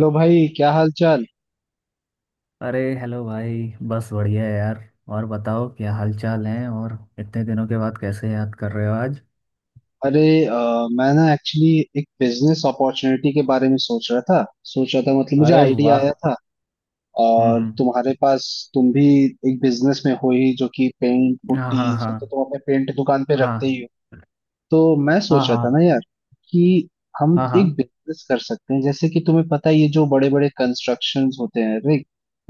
लो भाई क्या हाल चाल। अरे हेलो भाई। बस बढ़िया है यार। और बताओ क्या हालचाल है और इतने दिनों के बाद कैसे याद कर रहे हो आज। अरे मैं ना एक्चुअली एक बिजनेस अपॉर्चुनिटी के बारे में सोच रहा था। सोच रहा था मतलब मुझे अरे आइडिया वाह। आया था। और हम्म। तुम्हारे पास तुम भी एक बिजनेस में हो ही जो कि पेंट हाँ पुट्टी ये हाँ सब तो तुम अपने पेंट दुकान पे रखते हाँ ही हो। तो मैं हाँ सोच रहा था हाँ ना यार कि हम हाँ हाँ एक बिजनेस कर सकते हैं, जैसे कि तुम्हें पता है ये जो बड़े बड़े कंस्ट्रक्शंस होते हैं,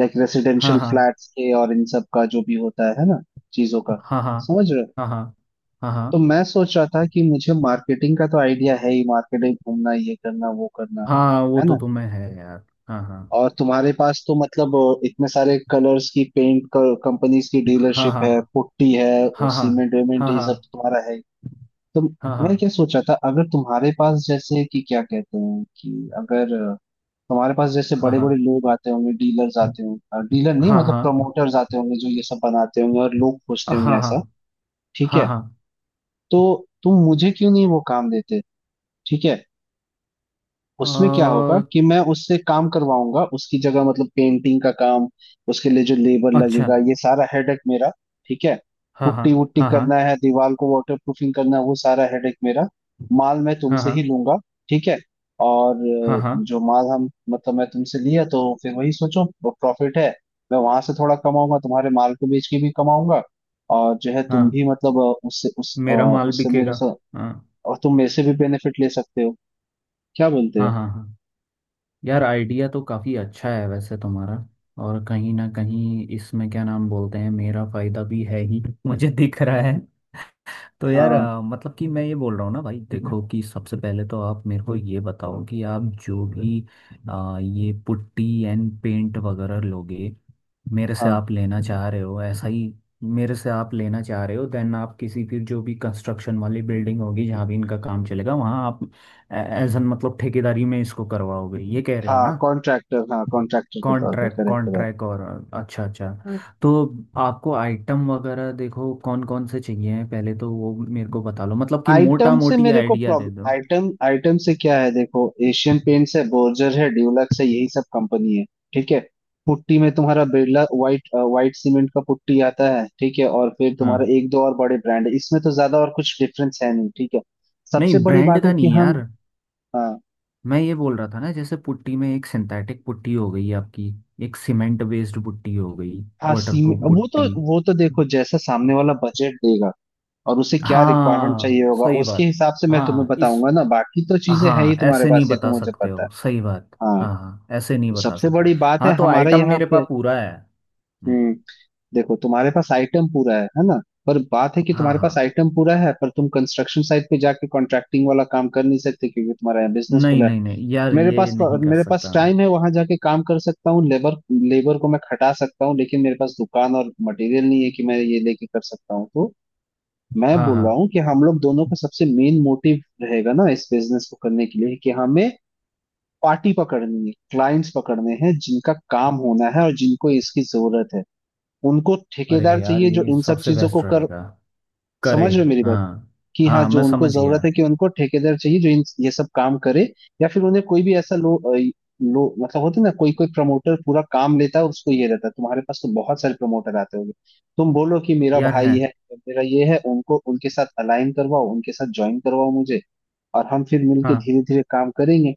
लाइक रेसिडेंशियल हाँ फ्लैट्स के और इन सब का जो भी होता है ना, चीजों का। हाँ हाँ समझ रहे हो? हाँ हाँ हाँ हाँ हाँ हाँ तो हाँ, मैं सोच रहा था कि मुझे मार्केटिंग का तो आइडिया है ही, मार्केटिंग, घूमना, ये करना वो करना, हाँ, वो है तो ना। तुम्हें है यार। हाँ हाँ और तुम्हारे पास तो मतलब इतने सारे कलर्स की पेंट कंपनीज की हाँ डीलरशिप हाँ है, पुट्टी है और हाँ सीमेंट वेमेंट हाँ ये सब हाँ तुम्हारा है ही। तो हाँ मैं हाँ क्या सोच रहा था, अगर तुम्हारे पास जैसे कि क्या कहते हैं कि, अगर तुम्हारे पास जैसे हाँ बड़े हाँ बड़े लोग आते होंगे, डीलर्स आते होंगे, डीलर नहीं हाँ हाँ मतलब हाँ प्रमोटर्स आते होंगे जो ये सब बनाते होंगे और लोग खोजते होंगे ऐसा। हाँ ठीक हाँ है। हाँ हाँ। तो तुम मुझे क्यों नहीं वो काम देते। ठीक है। उसमें क्या होगा कि मैं उससे काम करवाऊंगा उसकी जगह, मतलब पेंटिंग का काम, उसके लिए जो लेबर अच्छा। लगेगा, ये सारा हेडेक मेरा। ठीक है। हाँ हाँ पुट्टी वुट्टी हाँ हाँ करना है, दीवार को वाटर प्रूफिंग करना है, वो सारा हेडेक मेरा। माल मैं तुमसे ही हाँ लूंगा। ठीक है। और हाँ हाँ हाँ जो माल हम मतलब मैं तुमसे लिया तो फिर वही सोचो, प्रॉफिट है। मैं वहां से थोड़ा कमाऊंगा, तुम्हारे माल को बेच के भी कमाऊंगा। और जो है तुम हाँ। भी मतलब उससे उस मेरा माल उससे मेरे बिकेगा। साथ। हाँ और तुम मेरे से भी बेनिफिट ले सकते हो। क्या बोलते हाँ हो। हाँ हाँ। यार आइडिया तो काफ़ी अच्छा है वैसे तुम्हारा। और कहीं ना कहीं इसमें क्या नाम बोलते हैं मेरा फायदा भी है ही मुझे दिख रहा है। तो यार हाँ मतलब कि मैं ये बोल रहा हूँ ना भाई देखो कि सबसे पहले तो आप मेरे को ये बताओ कि आप जो भी ये पुट्टी एंड पेंट वगैरह लोगे। मेरे से हाँ आप लेना चाह रहे हो ऐसा ही। मेरे से आप लेना चाह रहे हो देन आप किसी फिर जो भी कंस्ट्रक्शन वाली बिल्डिंग होगी जहाँ भी इनका काम चलेगा वहाँ आप एज एन मतलब ठेकेदारी में इसको करवाओगे ये कह रहे हो हाँ ना। कॉन्ट्रैक्टर, हाँ कॉन्ट्रैक्टर के तौर पे, कॉन्ट्रैक्ट करेक्ट करेक्ट। कॉन्ट्रैक्ट और अच्छा अच्छा। हाँ, तो आपको आइटम वगैरह देखो कौन कौन से चाहिए हैं पहले तो वो मेरे को बता लो मतलब कि मोटा आइटम से मोटी मेरे को आइडिया दे प्रॉब्लम, दो। आइटम आइटम से क्या है, देखो। एशियन पेंट्स है, बोर्जर है, ड्यूलक्स है, यही सब कंपनी है। ठीक है। पुट्टी में तुम्हारा बिरला व्हाइट, व्हाइट सीमेंट का पुट्टी आता है, ठीक है, और फिर हाँ। तुम्हारा एक दो और बड़े ब्रांड है, इसमें तो ज्यादा और कुछ डिफरेंस है नहीं। ठीक है। सबसे नहीं बड़ी ब्रांड बात है का कि नहीं यार। हम, हाँ मैं ये बोल रहा था ना जैसे पुट्टी में एक सिंथेटिक पुट्टी हो गई आपकी। एक सीमेंट बेस्ड पुट्टी हो गई। हाँ, सीमेंट वाटरप्रूफ वो तो पुट्टी। वो तो देखो जैसा सामने वाला बजट देगा और उसे क्या रिक्वायरमेंट हाँ चाहिए होगा, सही उसके बात। हिसाब से मैं हाँ तुम्हें हाँ, इस बताऊंगा ना, बाकी तो चीजें हैं ही हाँ तुम्हारे ऐसे नहीं पास, ये तो बता मुझे सकते पता है। हो सही बात। हाँ, हाँ हाँ ऐसे नहीं बता सबसे सकते हो। बड़ी बात है हाँ तो हमारा आइटम यहाँ मेरे पे। पास पूरा है। हम्म, हम्म देखो, तुम्हारे पास आइटम पूरा है ना, पर बात है कि हाँ तुम्हारे पास हाँ। आइटम पूरा है, पर तुम कंस्ट्रक्शन साइट पे जाके कॉन्ट्रैक्टिंग वाला काम कर नहीं सकते क्योंकि तुम्हारा यहाँ बिजनेस नहीं खुला है। नहीं नहीं यार मेरे ये पास नहीं कर मेरे पास सकता मैं। टाइम है, वहां जाके काम कर सकता हूँ, लेबर लेबर को मैं खटा सकता हूँ, लेकिन मेरे पास दुकान और मटेरियल नहीं है कि मैं ये लेके कर सकता हूँ। तो मैं हाँ बोल हाँ। रहा हूँ कि हम लोग दोनों का सबसे मेन मोटिव रहेगा ना इस बिजनेस को करने के लिए कि हमें पार्टी पकड़नी है, क्लाइंट्स पकड़ने हैं, जिनका काम होना है और जिनको इसकी जरूरत है। उनको अरे ठेकेदार यार चाहिए जो ये इन सब सबसे चीजों को बेस्ट कर। रहेगा करे। समझ रहे हो मेरी बात, हाँ कि हाँ हाँ जो मैं उनको समझ जरूरत गया। है कि उनको ठेकेदार चाहिए जो इन ये सब काम करे। या फिर उन्हें कोई भी ऐसा लो, लो मतलब होते ना कोई कोई प्रमोटर पूरा काम लेता है और उसको ये रहता है, तुम्हारे पास तो बहुत सारे प्रमोटर आते होंगे। तुम बोलो कि मेरा यार भाई है। है, मेरा ये है, उनको उनके साथ अलाइन करवाओ, उनके साथ ज्वाइन करवाओ मुझे। और हम फिर मिलके हाँ धीरे धीरे काम करेंगे।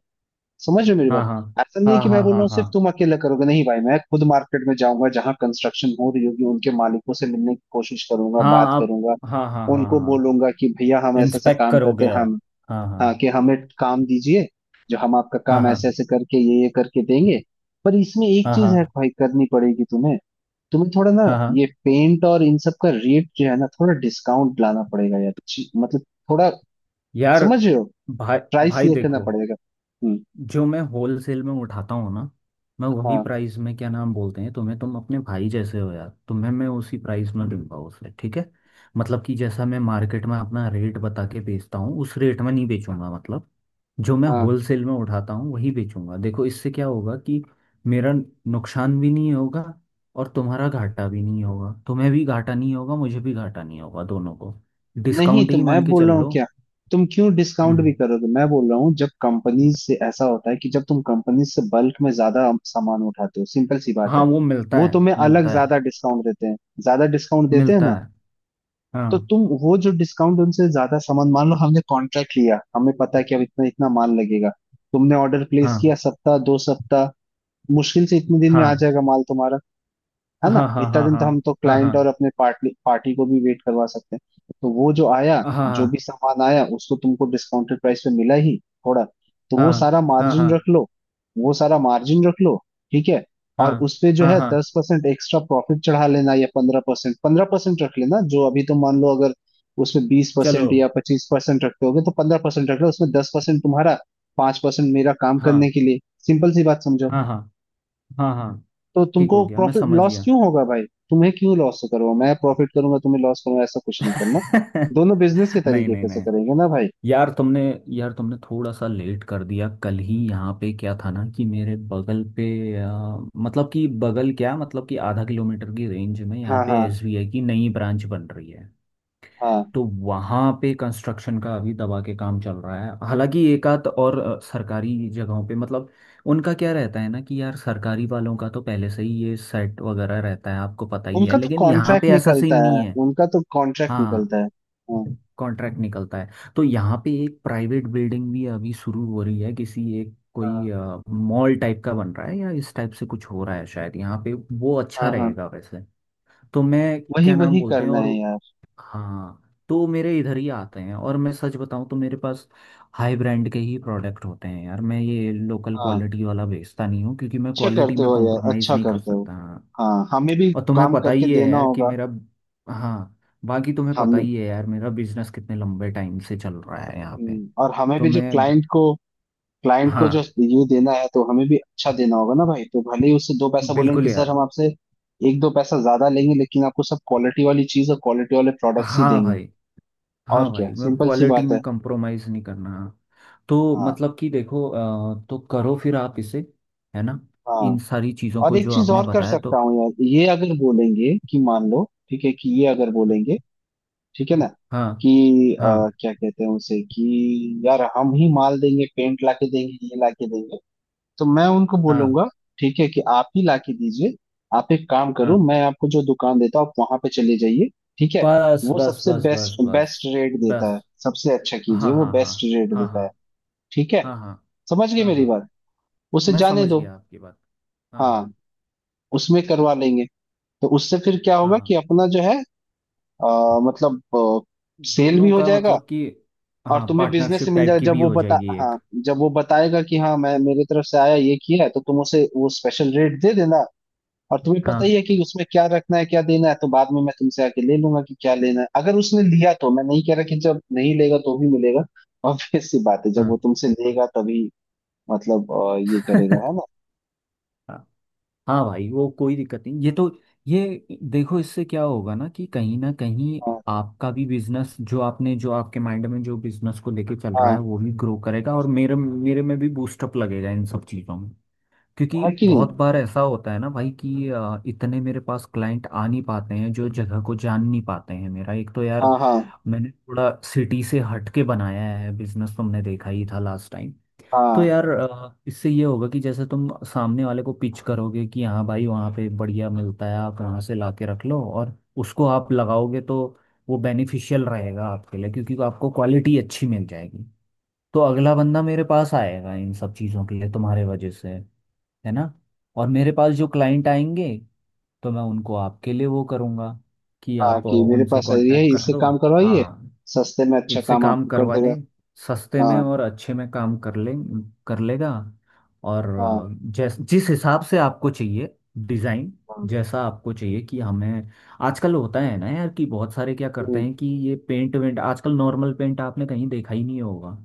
समझ रहे हो मेरी हाँ बात। हाँ ऐसा नहीं है हाँ कि मैं हाँ बोल रहा हाँ हूँ सिर्फ हाँ। तुम अकेले करोगे, नहीं भाई, मैं खुद मार्केट में जाऊंगा जहां कंस्ट्रक्शन हो रही होगी, उनके मालिकों से मिलने की कोशिश करूंगा, बात हाँ आप करूंगा। हाँ हाँ हाँ उनको हाँ। बोलूंगा कि भैया हम ऐसा ऐसा इंस्पेक्ट काम करते करोगे हैं आप। हम, हाँ हाँ हाँ, कि हमें काम दीजिए, जो हम आपका हाँ काम ऐसे हाँ ऐसे करके, ये करके देंगे। पर इसमें एक हाँ चीज हाँ है भाई, करनी पड़ेगी तुम्हें। तुम्हें थोड़ा ना, हाँ हाँ। ये पेंट और इन सब का रेट जो है ना, थोड़ा डिस्काउंट लाना पड़ेगा यार, मतलब थोड़ा, यार। समझ रहे हो, भाई। प्राइस भाई ये करना देखो पड़ेगा। हम्म। जो मैं होलसेल में उठाता हूँ ना मैं वही हाँ प्राइस में क्या नाम बोलते हैं तुम्हें तुम अपने भाई जैसे हो यार तुम्हें मैं उसी प्राइस में दूंगा उसे ठीक है। मतलब कि जैसा मैं मार्केट में अपना रेट बता के बेचता हूँ उस रेट में नहीं बेचूंगा मतलब। जो मैं हाँ। होलसेल में उठाता हूँ वही बेचूंगा देखो इससे क्या होगा कि मेरा नुकसान भी नहीं होगा। और तुम्हारा घाटा भी नहीं होगा तुम्हें भी घाटा नहीं होगा मुझे भी घाटा नहीं होगा दोनों को। नहीं डिस्काउंट तो ही मैं मान के बोल चल रहा हूँ लो। क्या, तुम क्यों डिस्काउंट भी हम्म। करोगे, मैं बोल रहा हूँ जब कंपनी से ऐसा होता है कि जब तुम कंपनी से बल्क में ज्यादा सामान उठाते हो, सिंपल सी बात हाँ है। वो मिलता वो है। तुम्हें अलग मिलता है। ज्यादा डिस्काउंट देते हैं, ज्यादा डिस्काउंट देते हैं मिलता ना। है। तो हाँ तुम वो जो डिस्काउंट उनसे ज्यादा सामान, मान लो हमने कॉन्ट्रैक्ट लिया, हमें पता है कि अब इतना इतना माल लगेगा, तुमने ऑर्डर प्लेस किया, हाँ सप्ताह 2 सप्ताह मुश्किल से इतने दिन में आ हाँ जाएगा माल तुम्हारा, है ना। हाँ हाँ इतना हाँ हाँ दिन तो हम तो हाँ क्लाइंट हाँ और अपने पार्टी पार्टी को भी वेट करवा सकते हैं। तो वो जो आया, हाँ हाँ जो भी हाँ सामान आया उसको तुमको डिस्काउंटेड प्राइस पे मिला ही थोड़ा, तो वो हाँ सारा हाँ मार्जिन रख हाँ लो, वो सारा मार्जिन रख लो। ठीक है। और हाँ उस पे जो हाँ है हाँ, 10% एक्स्ट्रा प्रॉफिट चढ़ा लेना या 15%, 15% रख लेना, जो अभी तुम, मान लो अगर उसमें बीस चलो। परसेंट या 25% रखते होगे तो 15% रख लो उसमें, 10% तुम्हारा, 5% मेरा काम हाँ करने के लिए। सिंपल सी बात समझो। हाँ हाँ हाँ हाँ। तो ठीक तुमको हो गया मैं प्रॉफिट समझ लॉस गया क्यों होगा भाई। तुम्हें क्यों लॉस करूंगा, मैं प्रॉफिट करूंगा तुम्हें लॉस करूंगा, ऐसा कुछ नहीं करना। दोनों बिजनेस के नहीं तरीके नहीं कैसे नहीं। करेंगे ना भाई। यार तुमने यार तुमने थोड़ा सा लेट कर दिया कल ही यहाँ पे क्या था ना कि मेरे बगल पे आ, मतलब कि बगल क्या मतलब कि आधा किलोमीटर की रेंज में हाँ यहाँ पे हाँ एसबीआई की नई ब्रांच बन रही है। हाँ। तो वहाँ पे कंस्ट्रक्शन का अभी दबा के काम चल रहा है हालांकि एक आध और सरकारी जगहों पे मतलब उनका क्या रहता है ना कि यार सरकारी वालों का तो पहले से ही ये सेट वगैरह रहता है आपको पता ही है उनका तो लेकिन यहाँ कॉन्ट्रैक्ट पे ऐसा निकलता सीन है, नहीं है। उनका तो कॉन्ट्रैक्ट हाँ निकलता है। हाँ कॉन्ट्रैक्ट निकलता है। तो यहाँ पे एक प्राइवेट बिल्डिंग भी अभी शुरू हो रही है किसी एक हाँ कोई मॉल टाइप का बन रहा है या इस टाइप से कुछ हो रहा है शायद यहाँ पे। वो अच्छा हाँ हाँ। रहेगा वैसे। तो मैं वही क्या नाम वही बोलते हैं करना और है यार। हाँ तो मेरे इधर ही आते हैं। और मैं सच बताऊं तो मेरे पास हाई ब्रांड के ही प्रोडक्ट होते हैं यार। मैं ये लोकल हाँ, क्वालिटी वाला बेचता नहीं हूँ क्योंकि मैं अच्छे क्वालिटी करते में हो यार, कॉम्प्रोमाइज़ अच्छा नहीं कर करते हो। सकता। हाँ। हाँ, हमें भी और तुम्हें काम पता करके ही है देना यार कि होगा। मेरा। हाँ बाकी तुम्हें पता हमें ही है यार मेरा बिजनेस कितने लंबे टाइम से चल रहा है यहाँ पे। और हमें तो भी जो मैं। क्लाइंट को, क्लाइंट को जो हाँ रिव्यू देना है तो हमें भी अच्छा देना होगा ना भाई, तो भले ही उससे दो पैसा बोलेंगे बिल्कुल कि सर यार। हम आपसे एक दो पैसा ज्यादा लेंगे लेकिन आपको सब क्वालिटी वाली चीज और क्वालिटी वाले प्रोडक्ट्स ही हाँ देंगे। भाई। और हाँ भाई क्या, मैं सिंपल सी क्वालिटी बात में है। कंप्रोमाइज़ नहीं करना। तो हाँ मतलब कि देखो तो करो फिर आप इसे है ना हाँ। इन सारी चीज़ों और को एक जो चीज आपने और कर बताया तो। सकता हूँ यार, ये अगर बोलेंगे कि, मान लो, ठीक है, कि ये अगर बोलेंगे, ठीक है ना, हाँ कि हाँ क्या कहते हैं उसे कि यार हम ही माल देंगे, पेंट लाके देंगे, ये लाके देंगे, तो मैं उनको हाँ बोलूंगा ठीक है कि आप ही लाके दीजिए, आप एक काम करो, हाँ। मैं आपको जो दुकान देता हूँ आप वहां पे चले जाइए। ठीक है। बस वो बस सबसे बस बस बेस्ट, बस बेस्ट रेट देता है, बस। सबसे अच्छा कीजिए, हाँ वो हाँ हाँ बेस्ट रेट हाँ देता है। हाँ ठीक है। हाँ हाँ समझ गए हाँ मेरी हाँ। बात। उसे मैं जाने समझ दो। गया आपकी बात। हाँ हाँ हाँ उसमें करवा लेंगे। तो उससे फिर क्या होगा कि हाँ। अपना जो है अ, मतलब सेल भी दोनों हो का जाएगा। मतलब कि और हाँ तुम्हें बिजनेस से पार्टनरशिप मिल टाइप जाएगा। की जब भी वो हो बता जाएगी एक। हाँ, जब वो बताएगा कि हाँ मैं मेरे तरफ से आया ये किया है, तो तुम उसे वो स्पेशल रेट दे देना। और तुम्हें पता हाँ ही है कि उसमें क्या रखना है क्या देना है, तो बाद में मैं तुमसे आके ले लूंगा कि क्या लेना है, अगर उसने लिया तो। मैं नहीं कह रहा कि जब नहीं लेगा तो भी मिलेगा, ऑब्वियस सी बात है जब वो तुमसे लेगा तभी, मतलब ये करेगा, हाँ है ना। हाँ भाई वो कोई दिक्कत नहीं ये तो। ये देखो इससे क्या होगा ना कि कहीं ना कहीं हाँ आपका भी बिजनेस जो आपने जो आपके माइंड में जो बिजनेस को लेके चल रहा हाँ, है वो भी ग्रो करेगा और मेरे मेरे में भी बूस्टअप लगेगा इन सब चीज़ों में। क्योंकि है कि नहीं। बहुत बार ऐसा होता है ना भाई कि इतने मेरे पास क्लाइंट आ नहीं पाते हैं जो जगह को जान नहीं पाते हैं मेरा एक तो यार हाँ हाँ मैंने थोड़ा सिटी से हट के बनाया है बिजनेस तुमने देखा ही था लास्ट टाइम। तो हाँ यार इससे ये होगा कि जैसे तुम सामने वाले को पिच करोगे कि हाँ भाई वहाँ पे बढ़िया मिलता है आप वहाँ से लाके रख लो और उसको आप लगाओगे तो वो बेनिफिशियल रहेगा आपके लिए क्योंकि आपको क्वालिटी अच्छी मिल जाएगी। तो अगला बंदा मेरे पास आएगा इन सब चीज़ों के लिए तुम्हारे वजह से है ना। और मेरे पास जो क्लाइंट आएंगे तो मैं उनको आपके लिए वो करूँगा कि हाँ, आप कि मेरे उनसे पास ये है, कांटेक्ट कर इससे लो। काम करवाइए, हाँ सस्ते में अच्छा इससे काम काम आपको कर करवा देगा। ले सस्ते में हाँ और अच्छे में काम कर ले। कर लेगा। और हाँ जैस जिस हिसाब से आपको चाहिए डिज़ाइन हाँ। जैसा आपको चाहिए कि हमें आजकल होता है ना यार कि बहुत सारे क्या करते हम्म, हैं कि ये पेंट वेंट आजकल नॉर्मल पेंट आपने कहीं देखा ही नहीं होगा।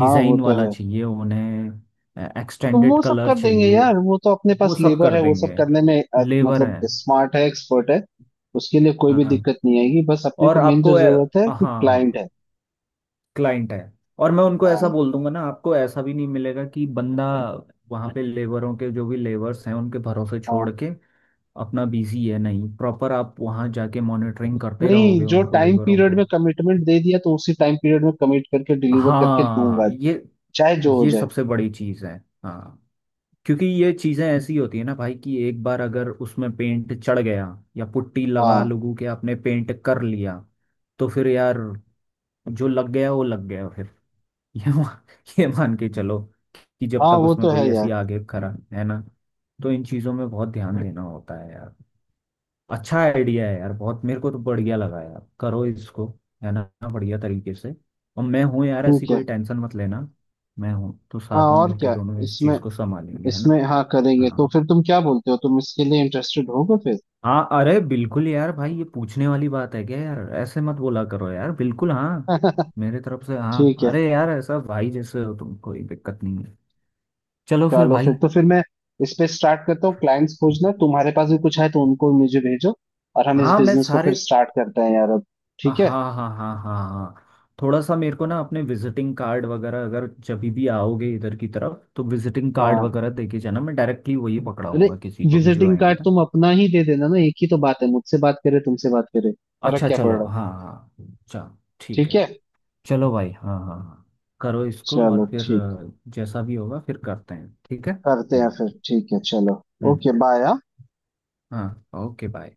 हाँ वो तो वाला है। चाहिए उन्हें तो एक्सटेंडेड वो सब कलर कर देंगे चाहिए। यार, वो तो अपने पास वो सब लेबर कर है, वो सब देंगे। करने में लेबर मतलब है। स्मार्ट है, एक्सपर्ट है। उसके लिए कोई भी हाँ दिक्कत नहीं आएगी, बस अपने और को मेन आपको जो जरूरत है कि क्लाइंट हाँ है। क्लाइंट है। और मैं उनको ऐसा हाँ बोल दूंगा ना आपको ऐसा भी नहीं मिलेगा कि बंदा वहाँ पे लेबरों के जो भी लेबर्स हैं उनके भरोसे छोड़ हाँ। के अपना बिजी है नहीं प्रॉपर आप वहाँ जाके मॉनिटरिंग करते नहीं रहोगे जो उनको टाइम लेबरों पीरियड को। में कमिटमेंट दे दिया तो उसी टाइम पीरियड में कमिट करके डिलीवर करके हाँ दूंगा, ये चाहे जो हो जाए। सबसे बड़ी चीज़ है। हाँ क्योंकि ये चीज़ें ऐसी होती है ना भाई कि एक बार अगर उसमें पेंट चढ़ गया या पुट्टी लगा हाँ, लोगों के आपने पेंट कर लिया तो फिर यार जो लग गया वो लग गया फिर। ये मा- ये मान के चलो कि जब हाँ तक वो उसमें तो है कोई यार। ऐसी आगे खरा है ना। तो इन चीजों में बहुत ध्यान देना होता है यार। अच्छा आइडिया है यार बहुत मेरे को तो बढ़िया लगा यार करो इसको है ना बढ़िया तरीके से। और मैं हूँ यार ऐसी ठीक है। कोई टेंशन मत लेना। मैं हूँ तो हाँ साथ में और मिलकर क्या। दोनों इस इसमें चीज को संभालेंगे है ना। इसमें हाँ करेंगे तो हाँ फिर तुम क्या बोलते हो, तुम इसके लिए इंटरेस्टेड होगे फिर। हाँ अरे बिल्कुल यार भाई ये पूछने वाली बात है क्या यार ऐसे मत बोला करो यार बिल्कुल हाँ। मेरे तरफ से हाँ ठीक है। अरे यार ऐसा भाई जैसे हो तुम कोई दिक्कत नहीं है। चलो फिर चलो फिर, भाई। तो फिर मैं इस पे स्टार्ट करता हूँ क्लाइंट्स खोजना, तुम्हारे पास भी कुछ है तो उनको मुझे भेजो, और हम इस हाँ मैं बिजनेस को फिर सारे स्टार्ट करते हैं यार अब। हाँ ठीक है। हाँ हाँ हाँ हाँ। थोड़ा सा मेरे को ना अपने विजिटिंग कार्ड वगैरह अगर जब भी आओगे इधर की तरफ तो विजिटिंग कार्ड हाँ वगैरह देके जाना मैं डायरेक्टली वही अरे, पकड़ाऊंगा किसी को भी जो विजिटिंग आएंगे कार्ड ना। तुम अपना ही दे देना ना, एक ही तो बात है, मुझसे बात करे तुमसे बात करे, फर्क अच्छा क्या पड़ चलो रहा। हाँ हाँ। चलो। ठीक ठीक है। है। चलो भाई हाँ हाँ हाँ। करो इसको चलो और फिर ठीक, जैसा भी होगा फिर करते हैं ठीक है करते हैं हम्म। फिर, ठीक है चलो। हम्म, ओके बाय। हाँ ओके बाय।